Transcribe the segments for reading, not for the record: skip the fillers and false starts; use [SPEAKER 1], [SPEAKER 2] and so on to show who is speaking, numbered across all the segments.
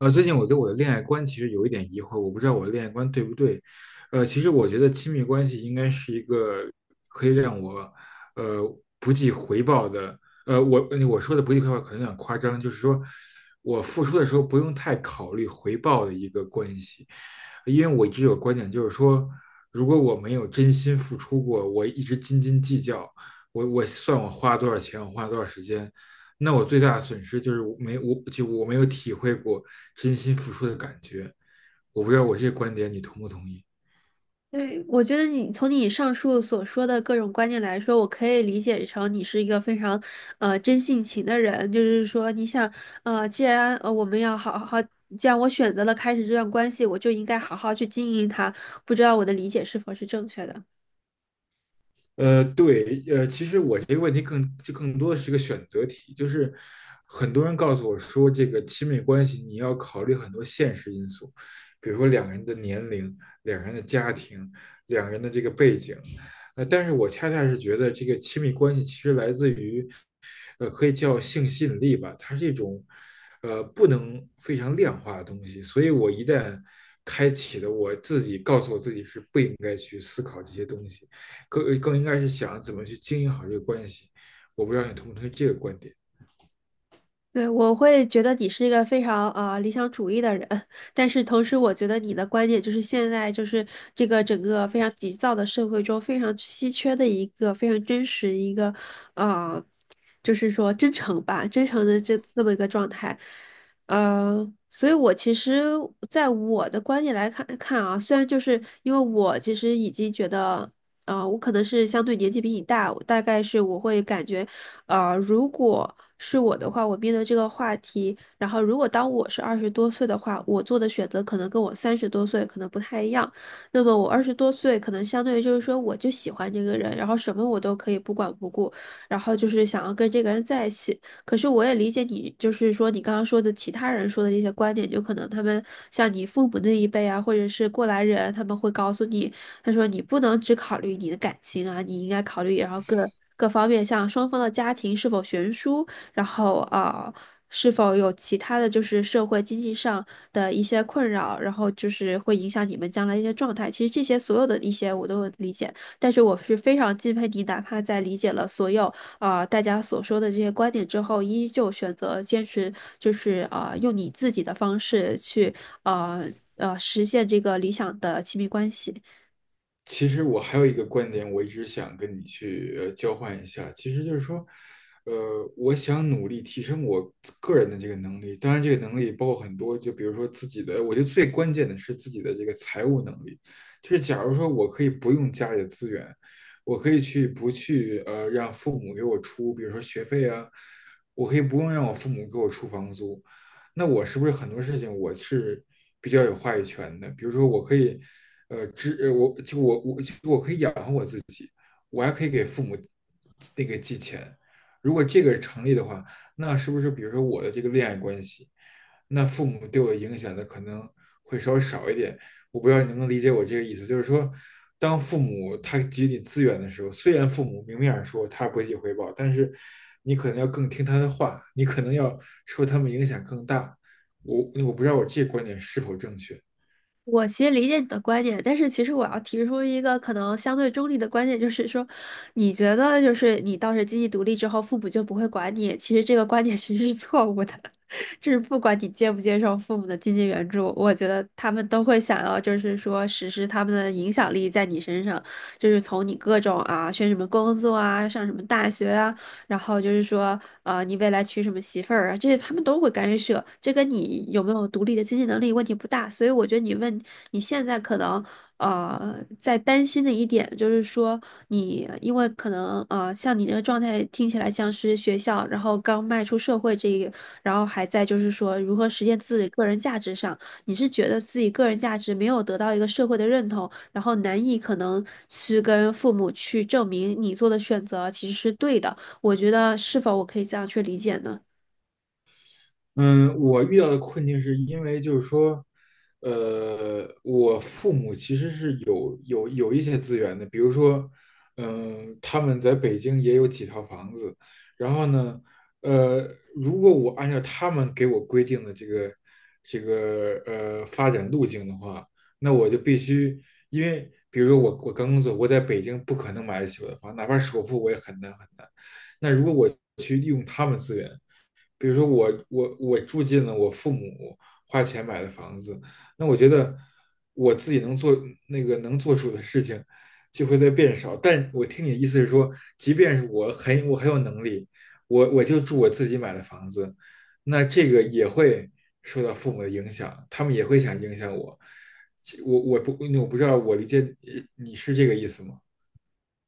[SPEAKER 1] 最近我对我的恋爱观其实有一点疑惑，我不知道我的恋爱观对不对。其实我觉得亲密关系应该是一个可以让我呃不计回报的。我我说的不计回报可能有点夸张，就是说我付出的时候不用太考虑回报的一个关系。因为我一直有观点，就是说，如果我没有真心付出过，我一直斤斤计较，我算我花了多少钱，我花了多少时间，那我最大的损失就是我没有体会过真心付出的感觉。我不知道我这个观点你同不同意。
[SPEAKER 2] 对，我觉得你从你上述所说的各种观念来说，我可以理解成你是一个非常，真性情的人。就是说，你想，我们要好好，既然我选择了开始这段关系，我就应该好好去经营它。不知道我的理解是否是正确的？
[SPEAKER 1] 对，其实我这个问题更多的是一个选择题，就是很多人告诉我说，这个亲密关系你要考虑很多现实因素，比如说两个人的年龄、两个人的家庭、两个人的这个背景，但是我恰恰是觉得这个亲密关系其实来自于，可以叫性吸引力吧，它是一种，不能非常量化的东西，所以我一旦开启了，我自己告诉我自己是不应该去思考这些东西。更应该是想怎么去经营好这个关系。我不知道你同不同意这个观点。
[SPEAKER 2] 对，我会觉得你是一个非常啊理想主义的人，但是同时我觉得你的观点就是现在就是整个非常急躁的社会中非常稀缺的一个非常真实一个啊，就是说真诚吧，真诚的这么一个状态，所以我其实在我的观点来看啊，虽然就是因为我其实已经觉得。我可能是相对年纪比你大，我大概是我会感觉，如果是我的话，我面对这个话题，然后如果当我是二十多岁的话，我做的选择可能跟我三十多岁可能不太一样。那么我二十多岁可能相对于就是说，我就喜欢这个人，然后什么我都可以不管不顾，然后就是想要跟这个人在一起。可是我也理解你，就是说你刚刚说的其他人说的这些观点，就可能他们像你父母那一辈啊，或者是过来人，他们会告诉你。他说你不能只考虑你的感情啊，你应该考虑然后各方面，像双方的家庭是否悬殊，然后是否有其他的就是社会经济上的一些困扰，然后就是会影响你们将来一些状态。其实这些所有的一些我都能理解，但是我是非常敬佩你，哪怕在理解了所有大家所说的这些观点之后，依旧选择坚持，就是用你自己的方式去啊实现这个理想的亲密关系。
[SPEAKER 1] 其实我还有一个观点，我一直想跟你去交换一下，其实就是说，我想努力提升我个人的这个能力，当然这个能力包括很多，就比如说自己的，我觉得最关键的是自己的这个财务能力，就是假如说我可以不用家里的资源，我可以去不去让父母给我出，比如说学费啊，我可以不用让我父母给我出房租，那我是不是很多事情我是比较有话语权的？比如说，我可以，呃，支，呃我就我我就我可以养我还可以给父母那个寄钱。如果这个成立的话，那是不是比如说我的这个恋爱关系，那父母对我的影响的可能会稍微少一点？我不知道你能不能理解我这个意思，就是说，当父母他给予你资源的时候，虽然父母明面上说他不计回报，但是你可能要更听他的话，你可能要受他们影响更大。我不知道我这个观点是否正确。
[SPEAKER 2] 我其实理解你的观点，但是其实我要提出一个可能相对中立的观点，就是说，你觉得就是你到时经济独立之后，父母就不会管你，其实这个观点其实是错误的，就是不管你接不接受父母的经济援助，我觉得他们都会想要就是说实施他们的影响力在你身上，就是从你各种啊选什么工作啊，上什么大学啊。然后就是说，你未来娶什么媳妇儿啊，这些他们都会干涉，这跟你有没有独立的经济能力问题不大。所以我觉得你问你现在可能在担心的一点就是说你，因为可能像你这个状态听起来像是学校，然后刚迈出社会这一个，然后还在就是说如何实现自己个人价值上，你是觉得自己个人价值没有得到一个社会的认同，然后难以可能去跟父母去证明你做的选择其实是对的。我觉得是否我可以这样去理解呢？
[SPEAKER 1] 嗯，我遇到的困境是因为就是说，我父母其实是有一些资源的，比如说，嗯，他们在北京也有几套房子，然后呢，呃，如果我按照他们给我规定的这个发展路径的话，那我就必须，因为比如说我刚工作，我在北京不可能买得起我的房，哪怕首付我也很难。那如果我去利用他们资源。比如说我住进了我父母花钱买的房子，那我觉得我自己能做出的事情就会在变少。但我听你的意思是说，即便是我很有能力，我就住我自己买的房子，那这个也会受到父母的影响，他们也会想影响我。我我不我不知道我理解你是这个意思吗？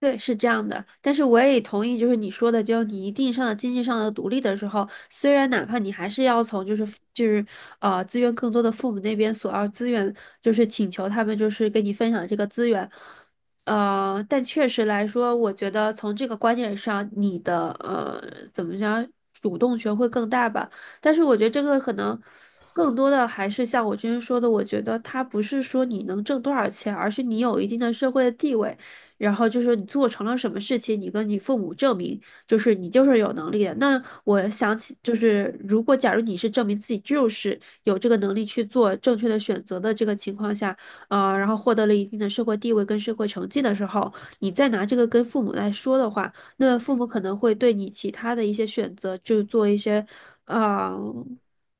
[SPEAKER 2] 对，是这样的，但是我也同意，就是你说的，就你一定上的经济上的独立的时候，虽然哪怕你还是要从就是资源更多的父母那边索要资源，就是请求他们就是跟你分享这个资源，但确实来说，我觉得从这个观点上，你的怎么讲，主动权会更大吧。但是我觉得这个可能更多的还是像我之前说的，我觉得它不是说你能挣多少钱，而是你有一定的社会的地位。然后就是你做成了什么事情，你跟你父母证明，就是你就是有能力的。那我想起，就是如果假如你是证明自己就是有这个能力去做正确的选择的这个情况下，然后获得了一定的社会地位跟社会成绩的时候，你再拿这个跟父母来说的话，那父母可能会对你其他的一些选择，就做一些，啊，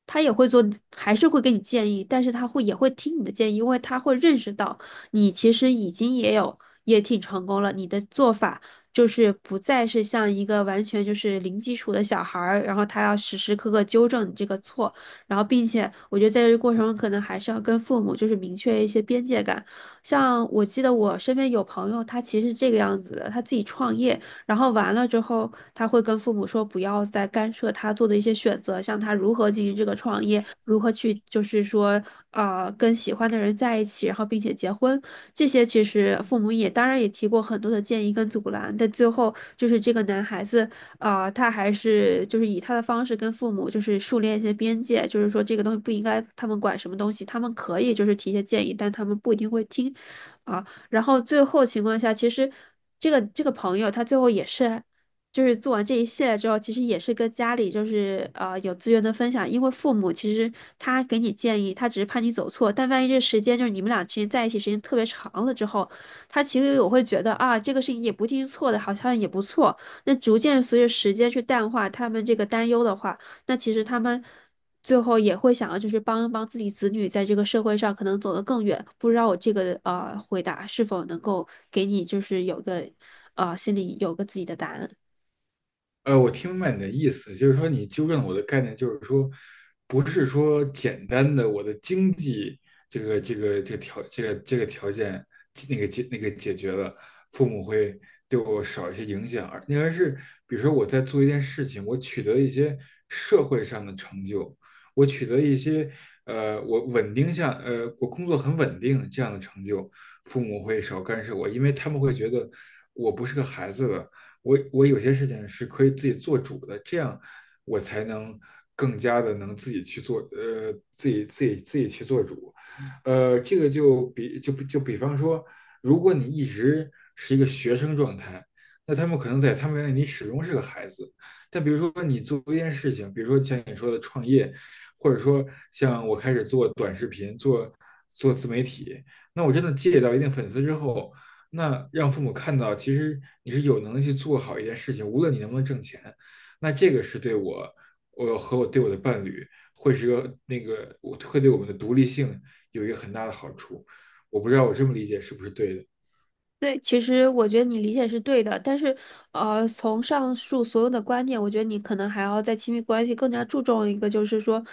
[SPEAKER 2] 他也会做，还是会给你建议，但是他会也会听你的建议，因为他会认识到。你其实已经也有也挺成功了。你的做法就是不再是像一个完全就是零基础的小孩儿，然后他要时时刻刻纠正你这个错，然后并且我觉得在这个过程中可能还是要跟父母就是明确一些边界感。像我记得我身边有朋友，他其实是这个样子的，他自己创业。然后完了之后，他会跟父母说不要再干涉他做的一些选择，像他如何进行这个创业，如何去就是说跟喜欢的人在一起，然后并且结婚，这些其实父母也当然也提过很多的建议跟阻拦，但最后就是这个男孩子他还是就是以他的方式跟父母就是树立一些边界，就是说这个东西不应该他们管什么东西，他们可以就是提一些建议，但他们不一定会听。啊。然后最后情况下，其实这个朋友他最后也是，就是做完这一系列之后，其实也是跟家里就是有资源的分享，因为父母其实他给你建议，他只是怕你走错，但万一这时间就是你们俩之间在一起时间特别长了之后，他其实我会觉得啊，这个事情也不一定是错的，好像也不错。那逐渐随着时间去淡化他们这个担忧的话，那其实他们。最后也会想要就是帮一帮自己子女在这个社会上可能走得更远。不知道我这个回答是否能够给你就是有个心里有个自己的答案。
[SPEAKER 1] 我听明白你的意思，就是说你纠正了我的概念，就是说，不是说简单的我的经济这个这个这个条这个这个条件那个解决了，父母会对我少一些影响，而应该是比如说我在做一件事情，我取得一些社会上的成就，我取得一些我工作很稳定这样的成就，父母会少干涉我，因为他们会觉得我不是个孩子了。我有些事情是可以自己做主的，这样我才能更加的能自己去做，自己去做主，这个就比方说，如果你一直是一个学生状态，那他们可能在他们眼里你始终是个孩子，但比如说你做一件事情，比如说像你说的创业，或者说像我开始做短视频，做自媒体，那我真的积累到一定粉丝之后，那让父母看到，其实你是有能力去做好一件事情，无论你能不能挣钱，那这个是对我，我对我的伴侣，会是个那个，我会对我们的独立性有一个很大的好处。我不知道我这么理解是不是对的。
[SPEAKER 2] 对，其实我觉得你理解是对的，但是，从上述所有的观点，我觉得你可能还要在亲密关系更加注重一个，就是说，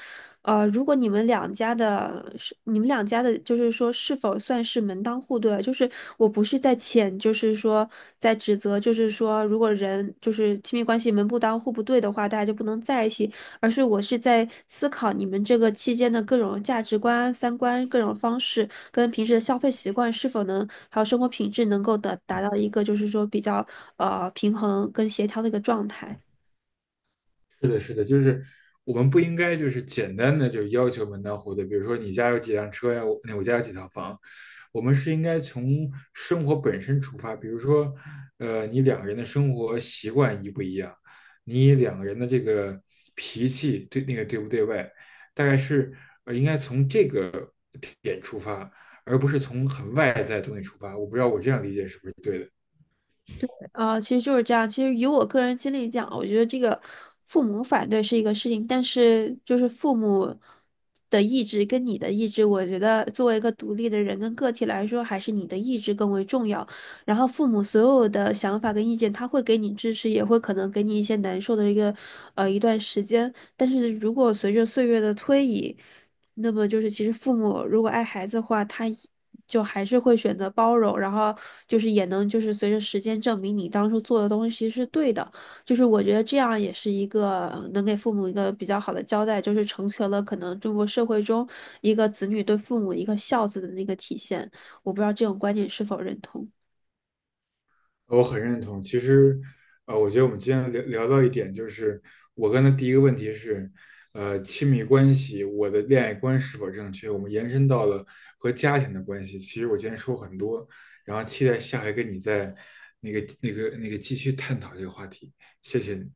[SPEAKER 2] 如果你们两家的，就是说是否算是门当户对啊，就是我不是在谴，就是说在指责，就是说如果人就是亲密关系门不当户不对的话，大家就不能在一起。而是我是在思考你们这个期间的各种价值观、三观、各种方式，跟平时的消费习惯是否能，还有生活品质能够的达到一个就是说比较平衡跟协调的一个状态。
[SPEAKER 1] 是的，是的，就是我们不应该就是简单的就要求门当户对，比如说你家有几辆车呀，我家有几套房，我们是应该从生活本身出发，比如说，你两个人的生活习惯一不一样，你两个人的这个脾气对那个对不对外，大概是应该从这个点出发，而不是从很外在的东西出发。我不知道我这样理解是不是对的。
[SPEAKER 2] 其实就是这样。其实以我个人经历讲，我觉得这个父母反对是一个事情，但是就是父母的意志跟你的意志，我觉得作为一个独立的人跟个体来说，还是你的意志更为重要。然后父母所有的想法跟意见，他会给你支持，也会可能给你一些难受的一个一段时间。但是如果随着岁月的推移，那么就是其实父母如果爱孩子的话，他就还是会选择包容，然后就是也能就是随着时间证明你当初做的东西是对的，就是我觉得这样也是一个能给父母一个比较好的交代，就是成全了可能中国社会中一个子女对父母一个孝子的那个体现，我不知道这种观点是否认同。
[SPEAKER 1] 我很认同。其实，我觉得我们今天聊到一点，就是我刚才第一个问题是，亲密关系，我的恋爱观是否正确？我们延伸到了和家庭的关系。其实我今天说很多，然后期待下回跟你再那个继续探讨这个话题。谢谢你。